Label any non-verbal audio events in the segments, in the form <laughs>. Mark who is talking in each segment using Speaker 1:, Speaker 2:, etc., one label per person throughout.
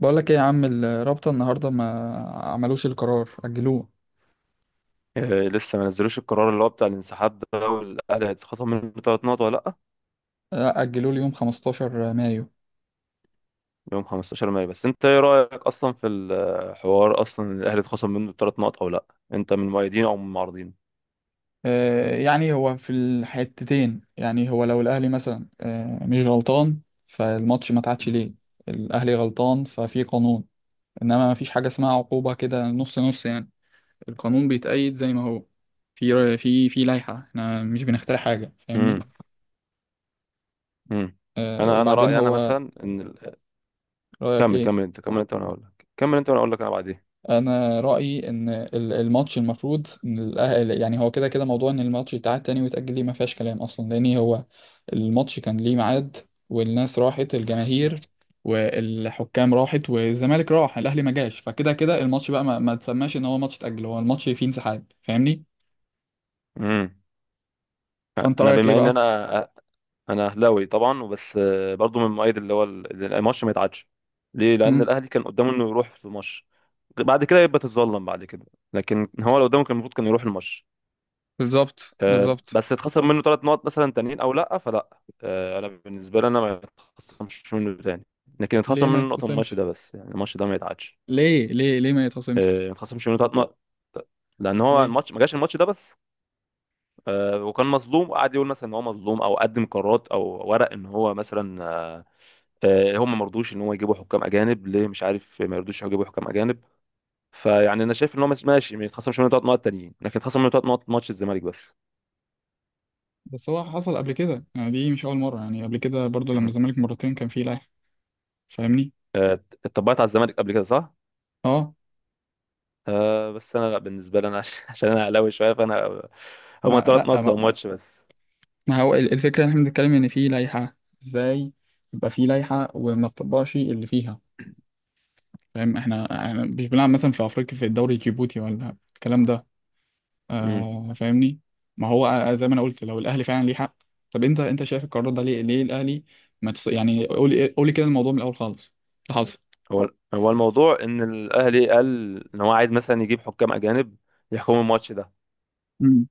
Speaker 1: بقول لك ايه يا عم؟ الرابطة النهاردة ما عملوش القرار، أجلوه.
Speaker 2: آه، لسه ما نزلوش القرار اللي هو بتاع الانسحاب ده والاهلي هيتخصم منه ثلاث نقط ولا لا؟
Speaker 1: أجلوه ليوم 15 مايو.
Speaker 2: يوم 15 مايو. بس انت ايه رايك اصلا في الحوار اصلا إن الاهلي اتخصم منه ثلاث نقط او لا؟ انت من مؤيدين او من معارضين؟
Speaker 1: يعني هو في الحتتين، يعني هو لو الأهلي مثلا مش غلطان فالماتش ما اتعادش ليه؟ الأهلي غلطان ففي قانون، إنما ما فيش حاجة اسمها عقوبة كده نص نص يعني. القانون بيتأيد زي ما هو، في لائحة، احنا مش بنخترع حاجة، فاهمني؟
Speaker 2: امم امم <clears throat> انا
Speaker 1: وبعدين
Speaker 2: رايي انا
Speaker 1: هو،
Speaker 2: مثلا ان
Speaker 1: رأيك
Speaker 2: كمل
Speaker 1: ايه؟
Speaker 2: كمل انت كمل انت وانا اقول لك كمل انت وانا اقول لك انا بعدين.
Speaker 1: انا رايي ان الماتش المفروض إن الأهل، يعني هو كده كده موضوع ان الماتش يتعاد تاني ويتاجل ليه ما فيهاش كلام اصلا، لان هو الماتش كان ليه ميعاد، والناس راحت، الجماهير والحكام راحت والزمالك راح، الاهلي ما جاش، فكده كده الماتش بقى ما تسماش ان هو ماتش اتاجل، هو الماتش فيه انسحاب، فاهمني؟
Speaker 2: امم
Speaker 1: فانت
Speaker 2: انا
Speaker 1: رايك ايه
Speaker 2: بما ان
Speaker 1: بقى؟
Speaker 2: انا اهلاوي طبعا وبس، برضو من مؤيد اللي هو الماتش ما يتعادش. ليه؟ لان
Speaker 1: امم.
Speaker 2: الاهلي كان قدامه انه يروح في الماتش، بعد كده يبقى تتظلم بعد كده. لكن هو لو قدامه كان المفروض كان يروح الماتش.
Speaker 1: بالظبط،
Speaker 2: آه،
Speaker 1: بالظبط.
Speaker 2: بس اتخسر منه ثلاث نقط مثلا تانيين او لا؟ فلا. آه، انا بالنسبه لي انا ما يتخصمش منه تاني، لكن اتخسر
Speaker 1: ليه ما
Speaker 2: منه نقطه من الماتش
Speaker 1: يتخصمش؟
Speaker 2: ده بس، يعني الماتش ده ما يتعادش.
Speaker 1: ليه ما يتخصمش؟
Speaker 2: آه، ما اتخصمش منه ثلاث نقط، لان هو
Speaker 1: ليه
Speaker 2: الماتش ما جاش الماتش ده بس. آه، وكان مظلوم وقعد يقول مثلا ان هو مظلوم، او قدم قرارات او ورق ان هو مثلا، هم ما رضوش ان هو يجيبوا حكام اجانب، ليه مش عارف ما يرضوش يجيبوا حكام اجانب. فيعني انا شايف ان هو ماشي، ما يتخصمش منه ثلاث نقط تانيين، لكن يتخصم منه ثلاث نقط ماتش الزمالك بس.
Speaker 1: بس هو حصل قبل كده يعني، دي مش اول مره يعني، قبل كده برضو لما
Speaker 2: <clears throat>
Speaker 1: الزمالك مرتين كان فيه، فاهمني.
Speaker 2: آه، اتطبقت على الزمالك قبل كده، صح؟
Speaker 1: اه.
Speaker 2: آه، بس انا لا، بالنسبه لي انا <laughs> عشان انا اهلاوي شويه، فانا
Speaker 1: ما
Speaker 2: هما ثلاث نقط
Speaker 1: لا
Speaker 2: بتوع
Speaker 1: ما,
Speaker 2: ماتش بس.
Speaker 1: ما هو الفكره ان احنا بنتكلم ان في لائحه، ازاي يبقى في لائحه وما تطبقش اللي فيها؟ فاهم، احنا مش بنلعب مثلا في افريقيا في الدوري الجيبوتي ولا الكلام ده،
Speaker 2: مم.
Speaker 1: فاهمني. ما هو، زي ما انا قلت لو الاهلي فعلا ليه حق. طب انت شايف القرار ده ليه الاهلي ما تص... يعني قولي قولي كده الموضوع من الاول خالص، اللي حصل.
Speaker 2: هو الموضوع ان الاهلي قال ان هو عايز مثلا يجيب حكام اجانب يحكموا الماتش ده.
Speaker 1: امم.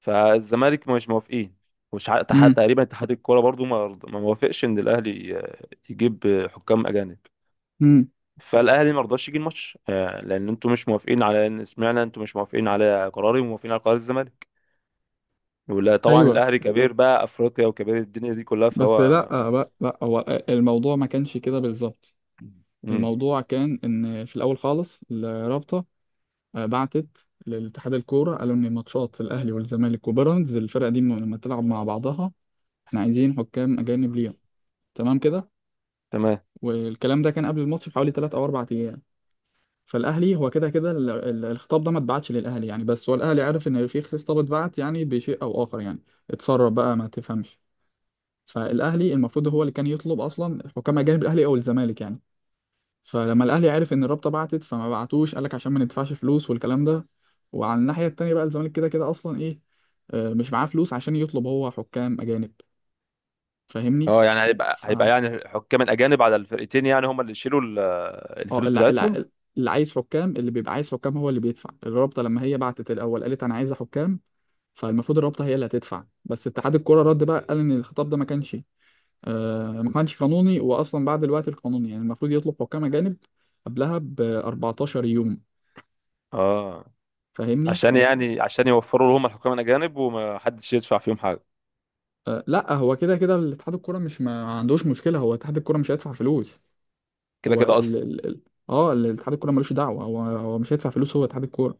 Speaker 2: فالزمالك مش موافقين،
Speaker 1: امم.
Speaker 2: تقريبا اتحاد الكوره برضو ما موافقش ان الاهلي يجيب حكام اجانب.
Speaker 1: امم.
Speaker 2: فالاهلي ما رضاش يجي الماتش، لان انتوا مش موافقين على ان، سمعنا انتوا مش موافقين على قراري وموافقين على قرار الزمالك. ولا طبعا
Speaker 1: ايوه.
Speaker 2: الاهلي كبير بقى افريقيا وكبير الدنيا دي كلها،
Speaker 1: بس
Speaker 2: فهو
Speaker 1: لا،
Speaker 2: ما.
Speaker 1: لا لا، هو الموضوع ما كانش كده بالظبط.
Speaker 2: امم.
Speaker 1: الموضوع كان ان في الاول خالص الرابطه بعتت لاتحاد الكوره، قالوا ان ماتشات الاهلي والزمالك وبيراميدز، الفرقه دي لما تلعب مع بعضها احنا عايزين حكام اجانب ليهم، تمام كده؟
Speaker 2: تمام.
Speaker 1: والكلام ده كان قبل الماتش بحوالي 3 او 4 ايام. فالاهلي هو كده كده الخطاب ده ما اتبعتش للاهلي يعني، بس هو الاهلي عارف ان في خطاب اتبعت يعني بشيء او اخر يعني، اتسرب بقى ما تفهمش. فالاهلي المفروض هو اللي كان يطلب اصلا حكام اجانب، الاهلي او الزمالك يعني. فلما الاهلي عرف ان الرابطه بعتت، فما بعتوش، قال لك عشان ما ندفعش فلوس والكلام ده. وعلى الناحيه التانيه بقى الزمالك كده كده اصلا ايه، مش معاه فلوس عشان يطلب هو حكام اجانب، فاهمني.
Speaker 2: اه، يعني هيبقى
Speaker 1: ف
Speaker 2: يعني حكام الاجانب على الفرقتين، يعني هم اللي يشيلوا
Speaker 1: اه،
Speaker 2: الفلوس
Speaker 1: لا
Speaker 2: بتاعتهم.
Speaker 1: لا، اللي عايز حكام، اللي بيبقى عايز حكام هو اللي بيدفع. الرابطه لما هي بعتت الاول قالت انا عايزه حكام، فالمفروض الرابطه هي اللي هتدفع. بس اتحاد الكوره رد بقى، قال ان الخطاب ده ما كانش، ما كانش قانوني، واصلا بعد الوقت القانوني، يعني المفروض يطلب حكام اجانب قبلها ب 14 يوم،
Speaker 2: اه،
Speaker 1: فاهمني.
Speaker 2: عشان يعني عشان يوفروا لهم الحكام الاجانب وما حدش يدفع فيهم حاجه
Speaker 1: لا هو كده كده الاتحاد الكوره مش، ما عندوش مشكله، هو اتحاد الكوره مش هيدفع فلوس.
Speaker 2: كده
Speaker 1: هو
Speaker 2: كده اصلا.
Speaker 1: اه، الاتحاد الكوره ملوش دعوه، هو مش هيدفع فلوس هو اتحاد الكوره،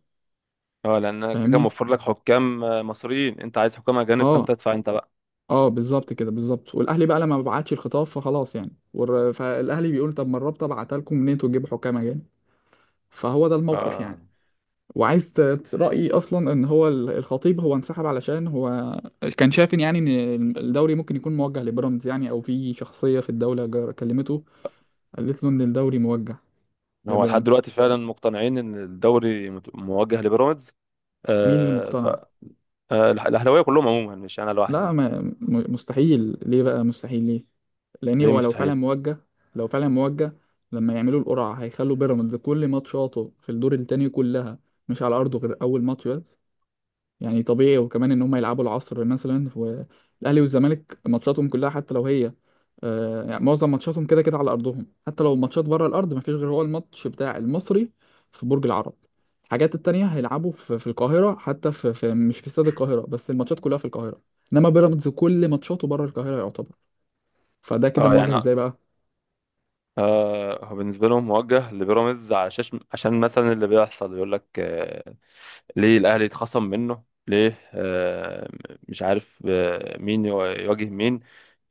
Speaker 2: اه، لان أنا كده كده
Speaker 1: فاهمني.
Speaker 2: موفر لك حكام، مصريين، انت عايز حكام اجانب فانت
Speaker 1: اه،
Speaker 2: ادفع انت بقى.
Speaker 1: اه، بالظبط كده بالظبط. والاهلي بقى لما ما بعتش الخطاب فخلاص يعني، فالاهلي بيقول طب ما الرابطه بعتها لكم منين انتوا تجيبوا حكام اجانب؟ فهو ده الموقف
Speaker 2: اه،
Speaker 1: يعني. وعايز رايي اصلا ان هو الخطيب هو انسحب علشان هو كان شايف إن، يعني ان الدوري ممكن يكون موجه لبيراميدز يعني، او في شخصيه في الدوله كلمته قالت له ان الدوري موجه. يا
Speaker 2: هو لحد
Speaker 1: بيراميدز.
Speaker 2: دلوقتي فعلا مقتنعين ان الدوري موجه لبيراميدز؟
Speaker 1: مين اللي
Speaker 2: آه.
Speaker 1: مقتنع؟
Speaker 2: آه، الاهلاويه كلهم عموما، مش انا
Speaker 1: لا
Speaker 2: لوحدي.
Speaker 1: ما م- مستحيل، ليه بقى مستحيل ليه؟ لان
Speaker 2: ليه
Speaker 1: هو
Speaker 2: مستحيل؟
Speaker 1: لو فعلا موجه لما يعملوا القرعه هيخلوا بيراميدز كل ماتشاته في الدور التاني كلها مش على ارضه، غير اول ماتش بس يعني طبيعي. وكمان ان هم يلعبوا العصر مثلا، والاهلي والزمالك ماتشاتهم كلها حتى لو هي، يعني معظم ماتشاتهم كده كده على ارضهم، حتى لو الماتشات بره الارض مفيش غير هو الماتش بتاع المصري في برج العرب. الحاجات التانية هيلعبوا في القاهرة، حتى في مش في استاد القاهرة بس، الماتشات كلها في القاهرة، انما بيراميدز كل ماتشاته بره القاهرة يعتبر. فده كده
Speaker 2: اه، يعني،
Speaker 1: مواجهة ازاي بقى؟
Speaker 2: هو بالنسبه لهم موجه لبيراميدز، عشان مثلا اللي بيحصل يقول لك، ليه الاهلي اتخصم منه، ليه مش عارف مين يواجه مين.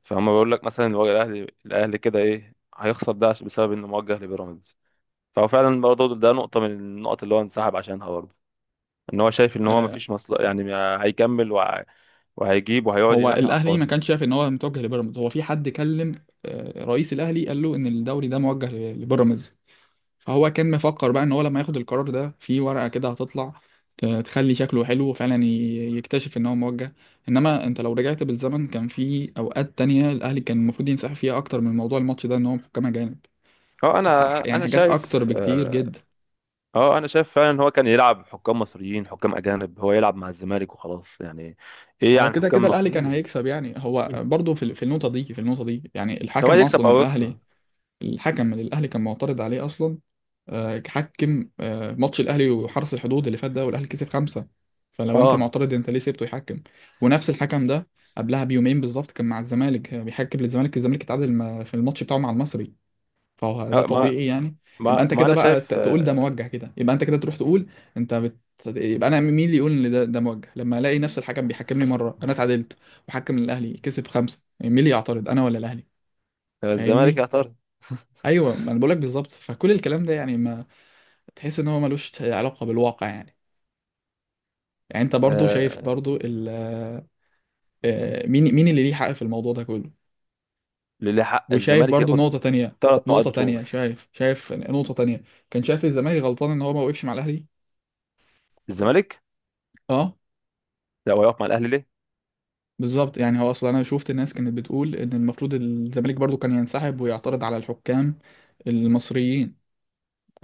Speaker 2: فهم بيقول لك مثلا، الاهلي كده ايه هيخسر ده بسبب انه موجه لبيراميدز. فهو فعلا برضه ده نقطه من النقط اللي هو انسحب عشانها برضه، ان هو شايف ان هو
Speaker 1: آه،
Speaker 2: مفيش مصلحه يعني هيكمل، وهيجيب وهيقعد
Speaker 1: هو
Speaker 2: ينحي على
Speaker 1: الاهلي ما
Speaker 2: الفاضي.
Speaker 1: كانش شايف ان هو متوجه لبيراميدز، هو في حد كلم رئيس الاهلي قال له ان الدوري ده موجه لبيراميدز، فهو كان مفكر بقى ان هو لما ياخد القرار ده في ورقة كده هتطلع تخلي شكله حلو، وفعلا يكتشف ان هو موجه. انما انت لو رجعت بالزمن كان في اوقات تانية الاهلي كان المفروض ينسحب فيها اكتر من موضوع الماتش ده، ان هو محكمة جانب،
Speaker 2: اه، انا
Speaker 1: يعني
Speaker 2: انا
Speaker 1: حاجات اكتر
Speaker 2: شايف،
Speaker 1: بكتير جدا.
Speaker 2: انا شايف فعلا ان هو كان يلعب حكام مصريين، حكام اجانب هو يلعب مع الزمالك وخلاص يعني. ايه
Speaker 1: هو
Speaker 2: يعني
Speaker 1: كده كده
Speaker 2: حكام
Speaker 1: الاهلي كان
Speaker 2: مصريين؟
Speaker 1: هيكسب يعني، هو
Speaker 2: مم.
Speaker 1: برضه في النقطة دي، يعني
Speaker 2: سواء
Speaker 1: الحكم
Speaker 2: يكسب
Speaker 1: اصلا
Speaker 2: او يخسر.
Speaker 1: الاهلي، الحكم من الاهلي كان معترض عليه اصلا. حكم ماتش الاهلي
Speaker 2: مم.
Speaker 1: وحرس الحدود اللي فات ده والاهلي كسب 5. فلو انت
Speaker 2: اه،
Speaker 1: معترض انت ليه سيبته يحكم؟ ونفس الحكم ده قبلها بيومين بالظبط كان مع الزمالك، بيحكم للزمالك، الزمالك اتعادل في الماتش بتاعه مع المصري، فهو ده
Speaker 2: آه، ما
Speaker 1: طبيعي يعني. يبقى
Speaker 2: ما
Speaker 1: انت
Speaker 2: ما
Speaker 1: كده
Speaker 2: انا
Speaker 1: بقى
Speaker 2: شايف،
Speaker 1: تقول ده موجه، كده يبقى انت كده تروح تقول، انت بت... يبقى انا مين اللي يقول ان ده موجه لما الاقي نفس الحكم بيحكمني مره انا اتعادلت، وحكم الاهلي كسب 5؟ يعني مين اللي يعترض، انا ولا الاهلي؟
Speaker 2: الزمالك
Speaker 1: فاهمني.
Speaker 2: يعترض.
Speaker 1: ايوه، ما انا بقولك بالظبط، فكل الكلام ده يعني ما تحس ان هو ملوش علاقه بالواقع يعني. يعني انت برضو شايف
Speaker 2: آه،
Speaker 1: برضو ال آه، مين اللي ليه حق في الموضوع ده كله؟
Speaker 2: للي حق،
Speaker 1: وشايف
Speaker 2: الزمالك
Speaker 1: برضو
Speaker 2: ياخد
Speaker 1: نقطه تانية.
Speaker 2: ثلاث نقط
Speaker 1: نقطه
Speaker 2: بتوعه
Speaker 1: تانية،
Speaker 2: بس.
Speaker 1: شايف نقطه تانية، كان شايف الزمالك غلطان ان هو ما وقفش مع الاهلي.
Speaker 2: الزمالك،
Speaker 1: اه،
Speaker 2: لا هو يقف مع الاهلي ليه؟
Speaker 1: بالظبط، يعني هو اصلا انا شفت الناس كانت بتقول ان المفروض الزمالك برضو كان ينسحب ويعترض على الحكام المصريين.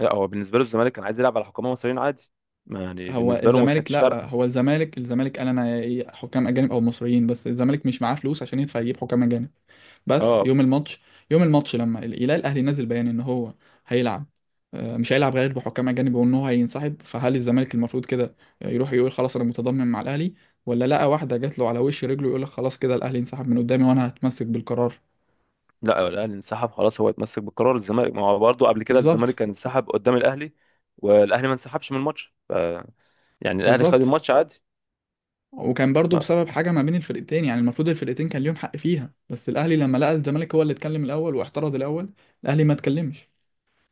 Speaker 2: لا، هو بالنسبه له الزمالك كان عايز يلعب على حكام مصريين عادي، ما يعني
Speaker 1: هو
Speaker 2: بالنسبه له ما
Speaker 1: الزمالك،
Speaker 2: كانتش
Speaker 1: لا،
Speaker 2: فارقه.
Speaker 1: هو الزمالك قال انا حكام اجانب او مصريين، بس الزمالك مش معاه فلوس عشان يدفع يجيب حكام اجانب. بس
Speaker 2: اه،
Speaker 1: يوم الماتش لما يلاقي الاهلي نازل بيان ان هو هيلعب، مش هيلعب غير بحكام اجانب، وان هو هينسحب، فهل الزمالك المفروض كده يروح يقول خلاص انا متضامن مع الاهلي، ولا لقى واحده جات له على وش رجله يقول لك خلاص كده الاهلي انسحب من قدامي وانا هتمسك بالقرار؟
Speaker 2: لا، الاهلي انسحب خلاص، هو اتمسك بقرار الزمالك، ما هو برضه قبل كده الزمالك
Speaker 1: بالظبط،
Speaker 2: كان انسحب قدام الاهلي، والاهلي ما انسحبش من الماتش، يعني الاهلي خد
Speaker 1: بالظبط.
Speaker 2: الماتش عادي.
Speaker 1: وكان برضو
Speaker 2: ما
Speaker 1: بسبب حاجه ما بين الفرقتين يعني، المفروض الفرقتين كان ليهم حق فيها، بس الاهلي لما لقى الزمالك هو اللي اتكلم الاول واعترض الاول، الاهلي ما اتكلمش.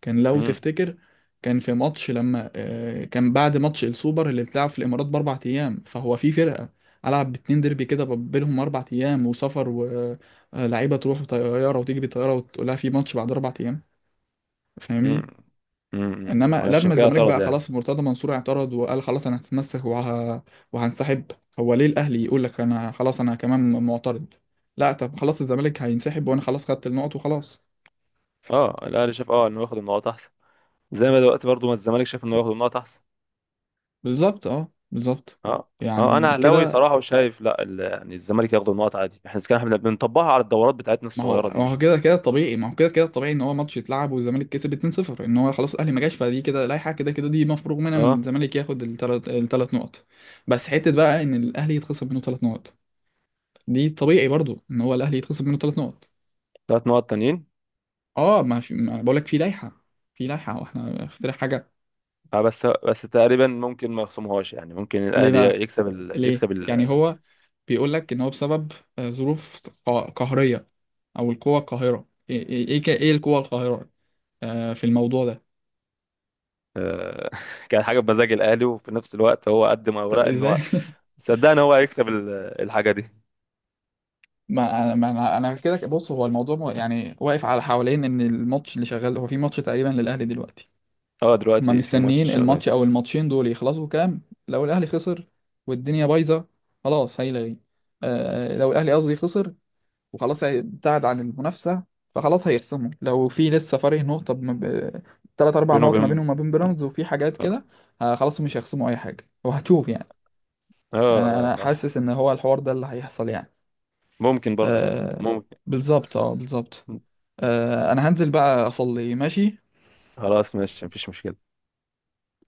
Speaker 1: كان لو
Speaker 2: امم
Speaker 1: تفتكر كان في ماتش لما، كان بعد ماتش السوبر اللي اتلعب في الامارات باربع ايام، فهو في فرقه العب باتنين ديربي كده بينهم اربع ايام وسفر، ولاعيبه تروح بطياره وتيجي بطياره وتقول لها في ماتش بعد اربع ايام،
Speaker 2: امم
Speaker 1: فاهمني. انما
Speaker 2: عشان
Speaker 1: لما
Speaker 2: كده
Speaker 1: الزمالك
Speaker 2: اعترض
Speaker 1: بقى
Speaker 2: يعني.
Speaker 1: خلاص مرتضى منصور اعترض وقال خلاص انا هتمسك وهنسحب، هو ليه الاهلي يقول لك انا خلاص انا كمان معترض؟ لا، طب خلاص الزمالك هينسحب وانا خلاص خدت النقط وخلاص.
Speaker 2: اه، الاهلي شاف، انه ياخد النقاط احسن، زي ما دلوقتي برضه ما الزمالك شاف انه ياخد النقاط احسن.
Speaker 1: بالظبط، اه بالظبط
Speaker 2: اه. اه، انا
Speaker 1: يعني
Speaker 2: اهلاوي
Speaker 1: كده.
Speaker 2: صراحه وشايف لا، يعني الزمالك ياخد النقط عادي، احنا كان احنا بنطبقها على الدورات بتاعتنا
Speaker 1: ما هو
Speaker 2: الصغيره دي،
Speaker 1: ما
Speaker 2: مش
Speaker 1: هو
Speaker 2: عارف.
Speaker 1: كده كده طبيعي، ما هو كده كده طبيعي ان هو ماتش يتلعب والزمالك كسب 2-0، ان هو خلاص الاهلي ما جاش، فدي كده لائحه، كده كده دي مفروغ منها ان
Speaker 2: اه،
Speaker 1: الزمالك ياخد الثلاث نقط. بس حته بقى ان الاهلي يتخصم منه ثلاث نقط، دي طبيعي برضو ان هو الاهلي يتخصم منه ثلاث نقط.
Speaker 2: ثلاث نقط تانيين.
Speaker 1: اه، ما بقول لك في لائحه واحنا اخترع حاجه.
Speaker 2: اه، بس تقريبا ممكن ما يخصمهاش، يعني ممكن
Speaker 1: ليه
Speaker 2: الاهلي
Speaker 1: بقى
Speaker 2: يكسب
Speaker 1: ليه يعني؟ هو بيقول لك ان هو بسبب ظروف قهريه، او القوه القاهره. ايه ايه ايه إيه القوه القاهره في الموضوع ده؟
Speaker 2: آه، <laughs> كان حاجه بمزاج الاهلي، وفي نفس الوقت هو قدم
Speaker 1: طب
Speaker 2: اوراق ان
Speaker 1: ازاي
Speaker 2: هو.
Speaker 1: <laughs>
Speaker 2: صدقني هو هيكسب الحاجه دي.
Speaker 1: ما انا ما انا أنا كده بص، هو الموضوع يعني واقف على حوالين ان الماتش اللي شغال، هو في ماتش تقريبا للاهلي دلوقتي،
Speaker 2: اه،
Speaker 1: هما
Speaker 2: دلوقتي في ماتش
Speaker 1: مستنيين
Speaker 2: شغال
Speaker 1: الماتش او الماتشين دول يخلصوا كام. لو الاهلي خسر والدنيا بايظه خلاص هيلغي، لو الاهلي قصدي خسر وخلاص ابتعد عن المنافسه، فخلاص هيخصموا، لو في لسه فارق نقطه ثلاث اربع
Speaker 2: بينه
Speaker 1: نقط ما
Speaker 2: وبين
Speaker 1: بينهم وما بين بيراميدز وفي حاجات
Speaker 2: اه
Speaker 1: كده، آه خلاص مش هيخصموا اي حاجه، وهتشوف يعني.
Speaker 2: اه،
Speaker 1: انا
Speaker 2: آه،
Speaker 1: انا
Speaker 2: صح.
Speaker 1: حاسس ان هو الحوار ده اللي هيحصل يعني.
Speaker 2: ممكن برضه،
Speaker 1: آه،
Speaker 2: ممكن.
Speaker 1: بالظبط، اه بالظبط. انا هنزل بقى اصلي، ماشي.
Speaker 2: خلاص ماشي، مفيش مشكله.